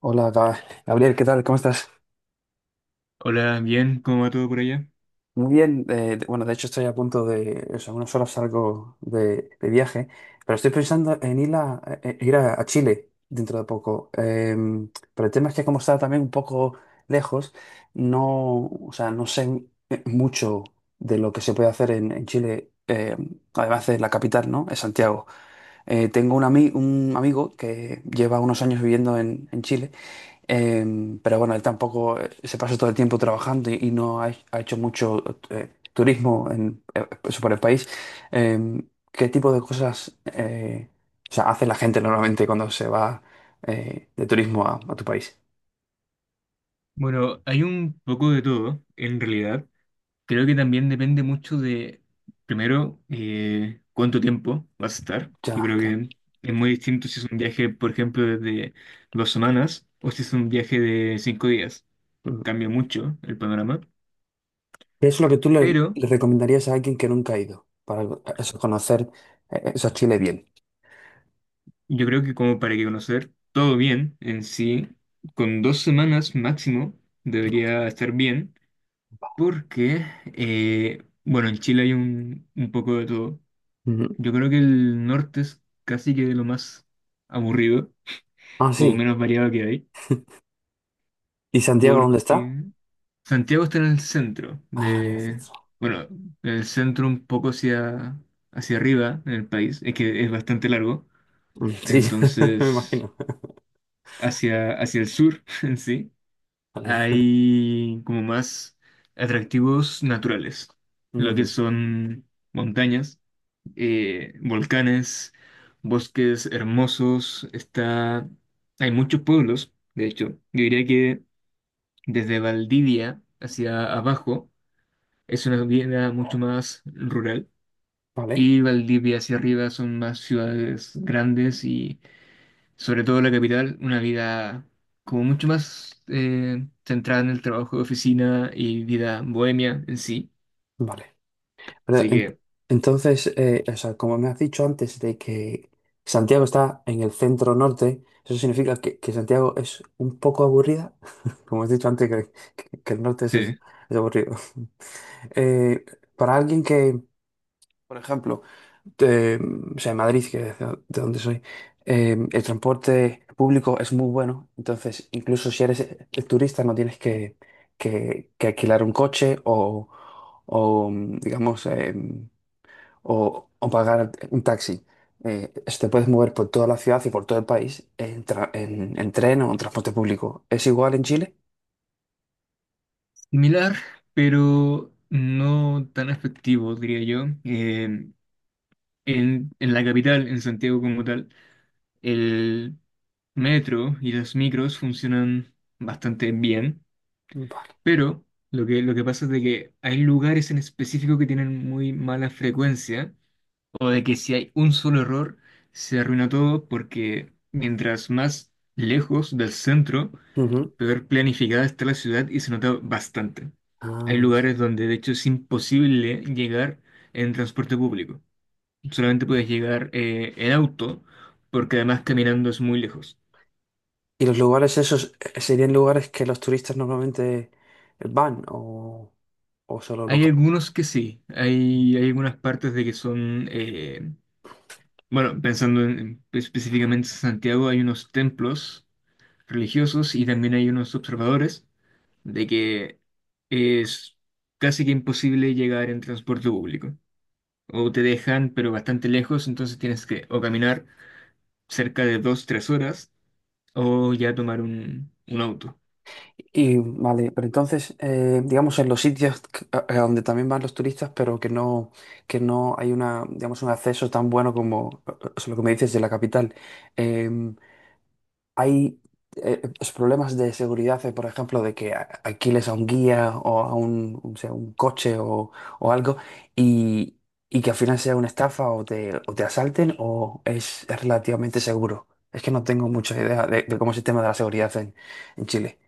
Hola, Gabriel, ¿qué tal? ¿Cómo estás? Hola, bien, ¿cómo va todo por allá? Muy bien. Bueno, de hecho estoy a punto de, o sea, en unas horas salgo de viaje, pero estoy pensando en ir a Chile dentro de poco. Pero el tema es que como está también un poco lejos, no, o sea, no sé mucho de lo que se puede hacer en Chile, además de la capital, ¿no? Es Santiago. Tengo un amigo que lleva unos años viviendo en Chile. Pero bueno, él tampoco se pasa todo el tiempo trabajando y no ha hecho mucho turismo por el país. ¿Qué tipo de cosas o sea, hace la gente normalmente cuando se va de turismo a tu país? Bueno, hay un poco de todo, en realidad. Creo que también depende mucho de, primero, cuánto tiempo vas a estar. Yo Ya, creo claro. que es muy distinto si es un viaje, por ejemplo, de 2 semanas o si es un viaje de 5 días. Mm. Cambia mucho el panorama. ¿Qué es lo que tú le, Pero le recomendarías a alguien que nunca ha ido para eso, conocer eso, Chile bien? yo creo que como para que conocer todo bien en sí, con 2 semanas máximo debería estar bien. Porque, bueno, en Chile hay un poco de todo. Ujú. Yo creo que el norte es casi que lo más aburrido Ah, o sí. menos variado que hay, ¿Y Santiago dónde está? porque Santiago está en el centro Ah, en el de, centro. bueno, en el centro un poco hacia, hacia arriba en el país, es que es bastante largo, Mm, sí, me entonces imagino. hacia, hacia el sur en sí Vale. hay como más atractivos naturales, lo que Ujú. son montañas volcanes, bosques hermosos, está... Hay muchos pueblos, de hecho. Yo diría que desde Valdivia hacia abajo es una vida mucho más rural Vale. y Valdivia hacia arriba son más ciudades grandes y sobre todo la capital, una vida como mucho más centrada en el trabajo de oficina y vida bohemia en sí. Vale. Pero Así en- que... entonces, o sea, como me has dicho antes de que Santiago está en el centro norte, eso significa que Santiago es un poco aburrida. Como has dicho antes, que el norte es sí. aburrido. Eh, para alguien que, por ejemplo, de, o sea, en Madrid, que es de donde soy, el transporte público es muy bueno. Entonces, incluso si eres turista, no tienes que alquilar un coche o, digamos, o pagar un taxi. Si te puedes mover por toda la ciudad y por todo el país en tren o en transporte público. ¿Es igual en Chile? Similar, pero no tan efectivo, diría yo. En la capital, en Santiago como tal, el metro y los micros funcionan bastante bien, Vale. pero lo que pasa es de que hay lugares en específico que tienen muy mala frecuencia, o de que si hay un solo error, se arruina todo porque mientras más lejos del centro, Ujú. peor planificada está la ciudad y se nota bastante. Hay Ah, sí. lugares donde de hecho es imposible llegar en transporte público. Solamente puedes llegar en auto porque además caminando es muy lejos. ¿Y los lugares esos serían lugares que los turistas normalmente van o solo Hay local? algunos que sí, hay algunas partes de que son, bueno, pensando pues, específicamente en Santiago, hay unos templos religiosos y también hay unos observadores de que es casi que imposible llegar en transporte público, o te dejan, pero bastante lejos, entonces tienes que o caminar cerca de 2, 3 horas o ya tomar un auto. Y vale, pero entonces, digamos, en los sitios a donde también van los turistas, pero que no hay una, digamos, un acceso tan bueno como lo que me dices de la capital. em, hay los problemas de seguridad, por ejemplo, de que alquiles a un guía o o sea, un coche o algo y, y que al final sea una estafa o te asalten o es relativamente seguro. Es que no tengo mucha idea de cómo es el tema de la seguridad en Chile.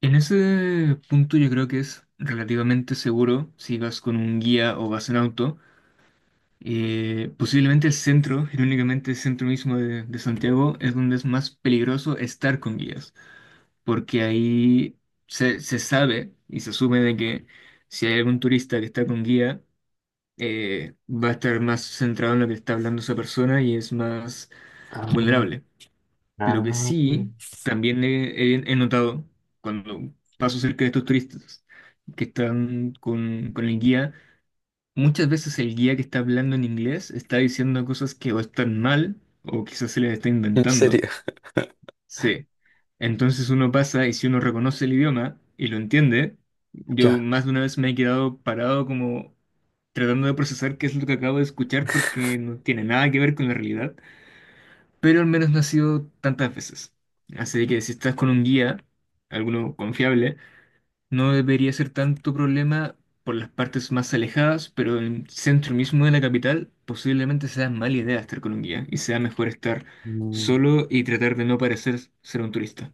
En ese punto yo creo que es relativamente seguro si vas con un guía o vas en auto. Posiblemente el centro, irónicamente el centro mismo de Santiago, es donde es más peligroso estar con guías, porque ahí se, se sabe y se asume de que si hay algún turista que está con guía, va a estar más centrado en lo que está hablando esa persona y es más Ah, vulnerable. Lo que ah. sí, también he notado cuando paso cerca de estos turistas que están con el guía, muchas veces el guía que está hablando en inglés está diciendo cosas que o están mal o quizás se les está ¿En inventando. serio? Sí. Entonces uno pasa y si uno reconoce el idioma y lo entiende, yo Ya. más de una vez me he quedado parado como tratando de procesar qué es lo que acabo de escuchar porque no tiene nada que ver con la realidad, pero al menos no ha sido tantas veces. Así que si estás con un guía, alguno confiable, no debería ser tanto problema por las partes más alejadas, pero en el centro mismo de la capital posiblemente sea mala idea estar con un guía y sea mejor estar solo y tratar de no parecer ser un turista.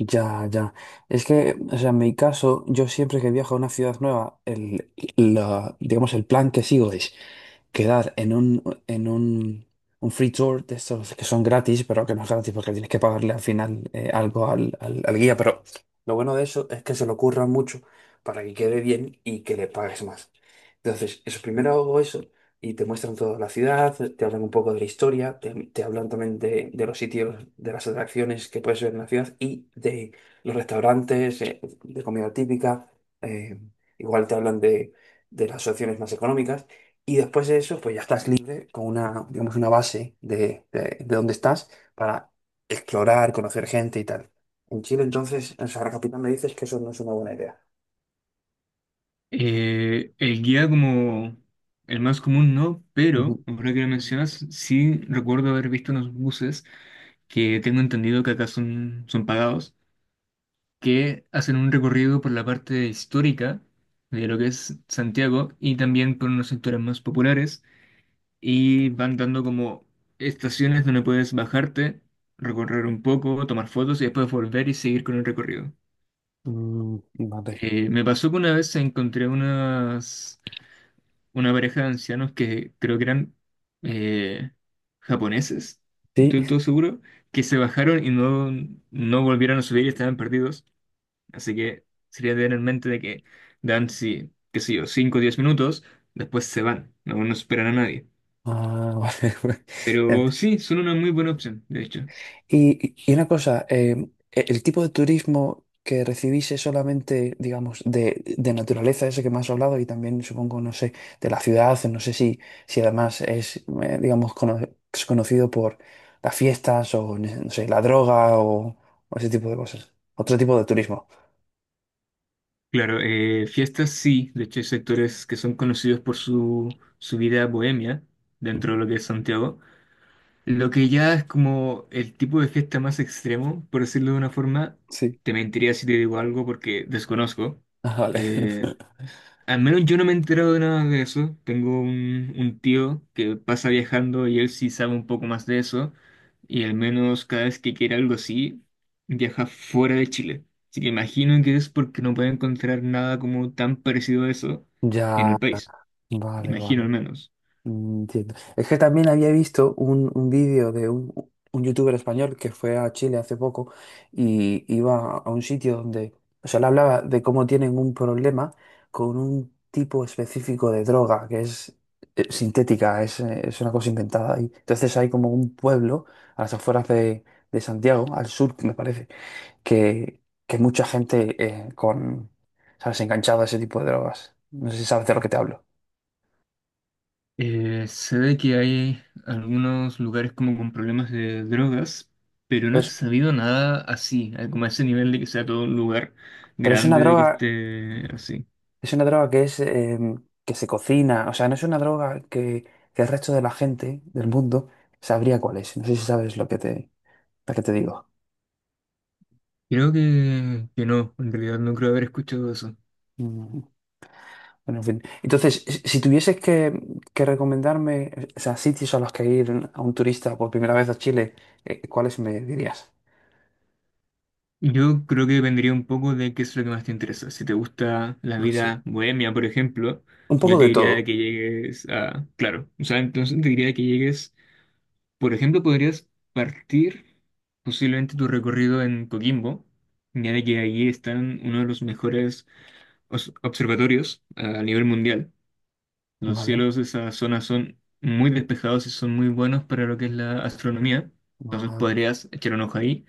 Ya, ya. Es que, o sea, en mi caso, yo siempre que viajo a una ciudad nueva, digamos, el plan que sigo es quedar en un free tour de estos que son gratis, pero que no es gratis porque tienes que pagarle al final algo al guía. Pero lo bueno de eso es que se lo curran mucho para que quede bien y que le pagues más. Entonces, eso primero hago eso y te muestran toda la ciudad, te hablan un poco de la historia, te hablan también de los sitios, de las atracciones que puedes ver en la ciudad y de los restaurantes, de comida típica, eh, igual te hablan de las opciones más económicas y después de eso pues ya estás libre con una, digamos, una base de dónde estás para explorar, conocer gente y tal. En Chile entonces, en Sagrada Capital me dices que eso no es una buena idea. El guía como el más común no, pero Ujú. ahora que lo mencionas, sí recuerdo haber visto unos buses que tengo entendido que acá son pagados, que hacen un recorrido por la parte histórica de lo que es Santiago y también por unos sectores más populares y van dando como estaciones donde puedes bajarte, recorrer un poco, tomar fotos y después volver y seguir con el recorrido. Mm, vale. Me pasó que una vez encontré una pareja de ancianos que creo que eran eh, japoneses, no Sí. estoy del todo seguro, que se bajaron y no volvieron a subir y estaban perdidos. Así que sería tener en mente de que dan, sí, qué sé yo, 5 o 10 minutos, después se van, no esperan a nadie. Ah, vale. Pero Ent- sí, son una muy buena opción, de hecho. y una cosa, el tipo de turismo que recibís es solamente, digamos, de naturaleza, ese que me has hablado, y también supongo, no sé, de la ciudad, no sé si además digamos, es conocido por las fiestas o, no sé, la droga o ese tipo de cosas. Otro tipo de turismo. Claro, fiestas sí, de hecho hay sectores que son conocidos por su, su vida bohemia dentro de Ujú. lo que es Santiago. Lo que ya es como el tipo de fiesta más extremo, por decirlo de una forma, Sí. te mentiría si te digo algo porque desconozco. Ah, vale. Eh, Al menos yo no me he enterado de nada de eso. Tengo un tío que pasa viajando y él sí sabe un poco más de eso. Y al menos cada vez que quiere algo así, viaja fuera de Chile. Así que imagino que es porque no puede encontrar nada como tan parecido a eso en Ya, el país. vale, Imagino al vale. menos. Mm, entiendo. Es que también había visto un vídeo de un youtuber español que fue a Chile hace poco y iba a un sitio donde, o sea, le hablaba de cómo tienen un problema con un tipo específico de droga que es sintética, es una cosa inventada. Y entonces hay como un pueblo a las afueras de Santiago, al sur, me parece, que, que mucha gente ¿sabes?, enganchada a ese tipo de drogas. No sé si sabes de lo que te hablo. Se ve que hay algunos lugares como con problemas de drogas, pero no Pero he es, sabido nada así, como a ese nivel de que sea todo un lugar pero es una grande de que droga. esté así. Es una droga que es que se cocina, o sea, no es una droga que el resto de la gente del mundo sabría cuál es. No sé si sabes lo que te digo. Creo que no, en realidad no creo haber escuchado eso. Mm, bueno, en fin. Entonces, si tuvieses que recomendarme, o sea, sitios a los que ir a un turista por primera vez a Chile, ¿cuáles me dirías? Yo creo que dependería un poco de qué es lo que más te interesa. Si te gusta la Ah, sí. vida bohemia, por ejemplo, Un poco yo te de todo. diría que llegues a... Claro, o sea, entonces te diría que llegues. Por ejemplo, podrías partir posiblemente tu recorrido en Coquimbo, ya de que ahí están uno de los mejores observatorios a nivel mundial. Los Vale. cielos de esa zona son muy despejados y son muy buenos para lo que es la astronomía. Entonces Guau. podrías echar un ojo ahí,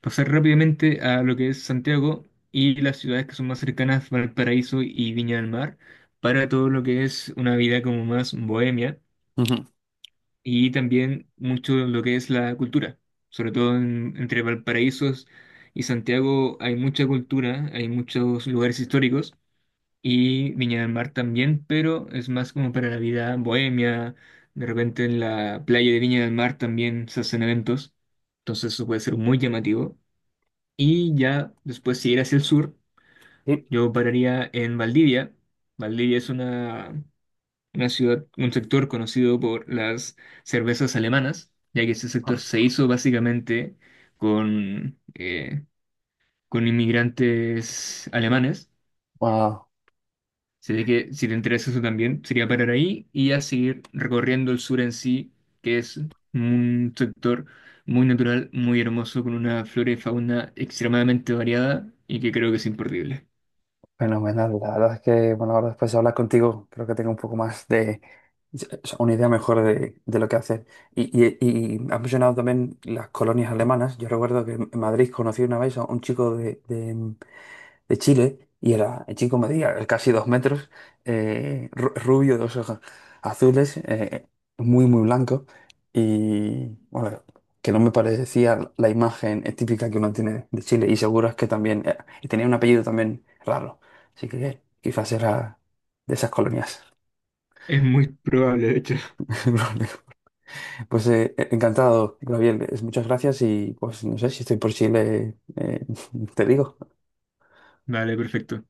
pasar rápidamente a lo que es Santiago y las ciudades que son más cercanas, Valparaíso y Viña del Mar, para todo lo que es una vida como más bohemia Ujú. y también mucho lo que es la cultura, sobre todo entre Valparaíso y Santiago hay mucha cultura, hay muchos lugares históricos y Viña del Mar también, pero es más como para la vida bohemia, de repente en la playa de Viña del Mar también se hacen eventos, entonces eso puede ser muy llamativo. Y ya después si ir hacia el sur, Sí. yo pararía en Valdivia. Valdivia es una ciudad, un sector conocido por las cervezas alemanas, ya que ese sector se hizo básicamente con, eh, con inmigrantes alemanes. Ah, Así de que si te interesa eso también, sería parar ahí y ya seguir recorriendo el sur en sí, que es un sector muy natural, muy hermoso, con una flora y fauna extremadamente variada y que creo que es imperdible. fenomenal, la verdad es que, bueno, ahora después de hablar contigo, creo que tengo un poco más o sea, una idea mejor de lo que hacer. Y has mencionado también las colonias alemanas. Yo recuerdo que en Madrid conocí una vez a un chico de Chile y era, el chico medía casi 2 metros, rubio, dos ojos azules, muy, muy blanco y bueno, que no me parecía la imagen típica que uno tiene de Chile y seguro es que también, y tenía un apellido también raro, así que quizás era de esas colonias. Es muy probable, de hecho. Pues encantado, Gabriel, muchas gracias y pues no sé si estoy por Chile, te digo. Vale, perfecto.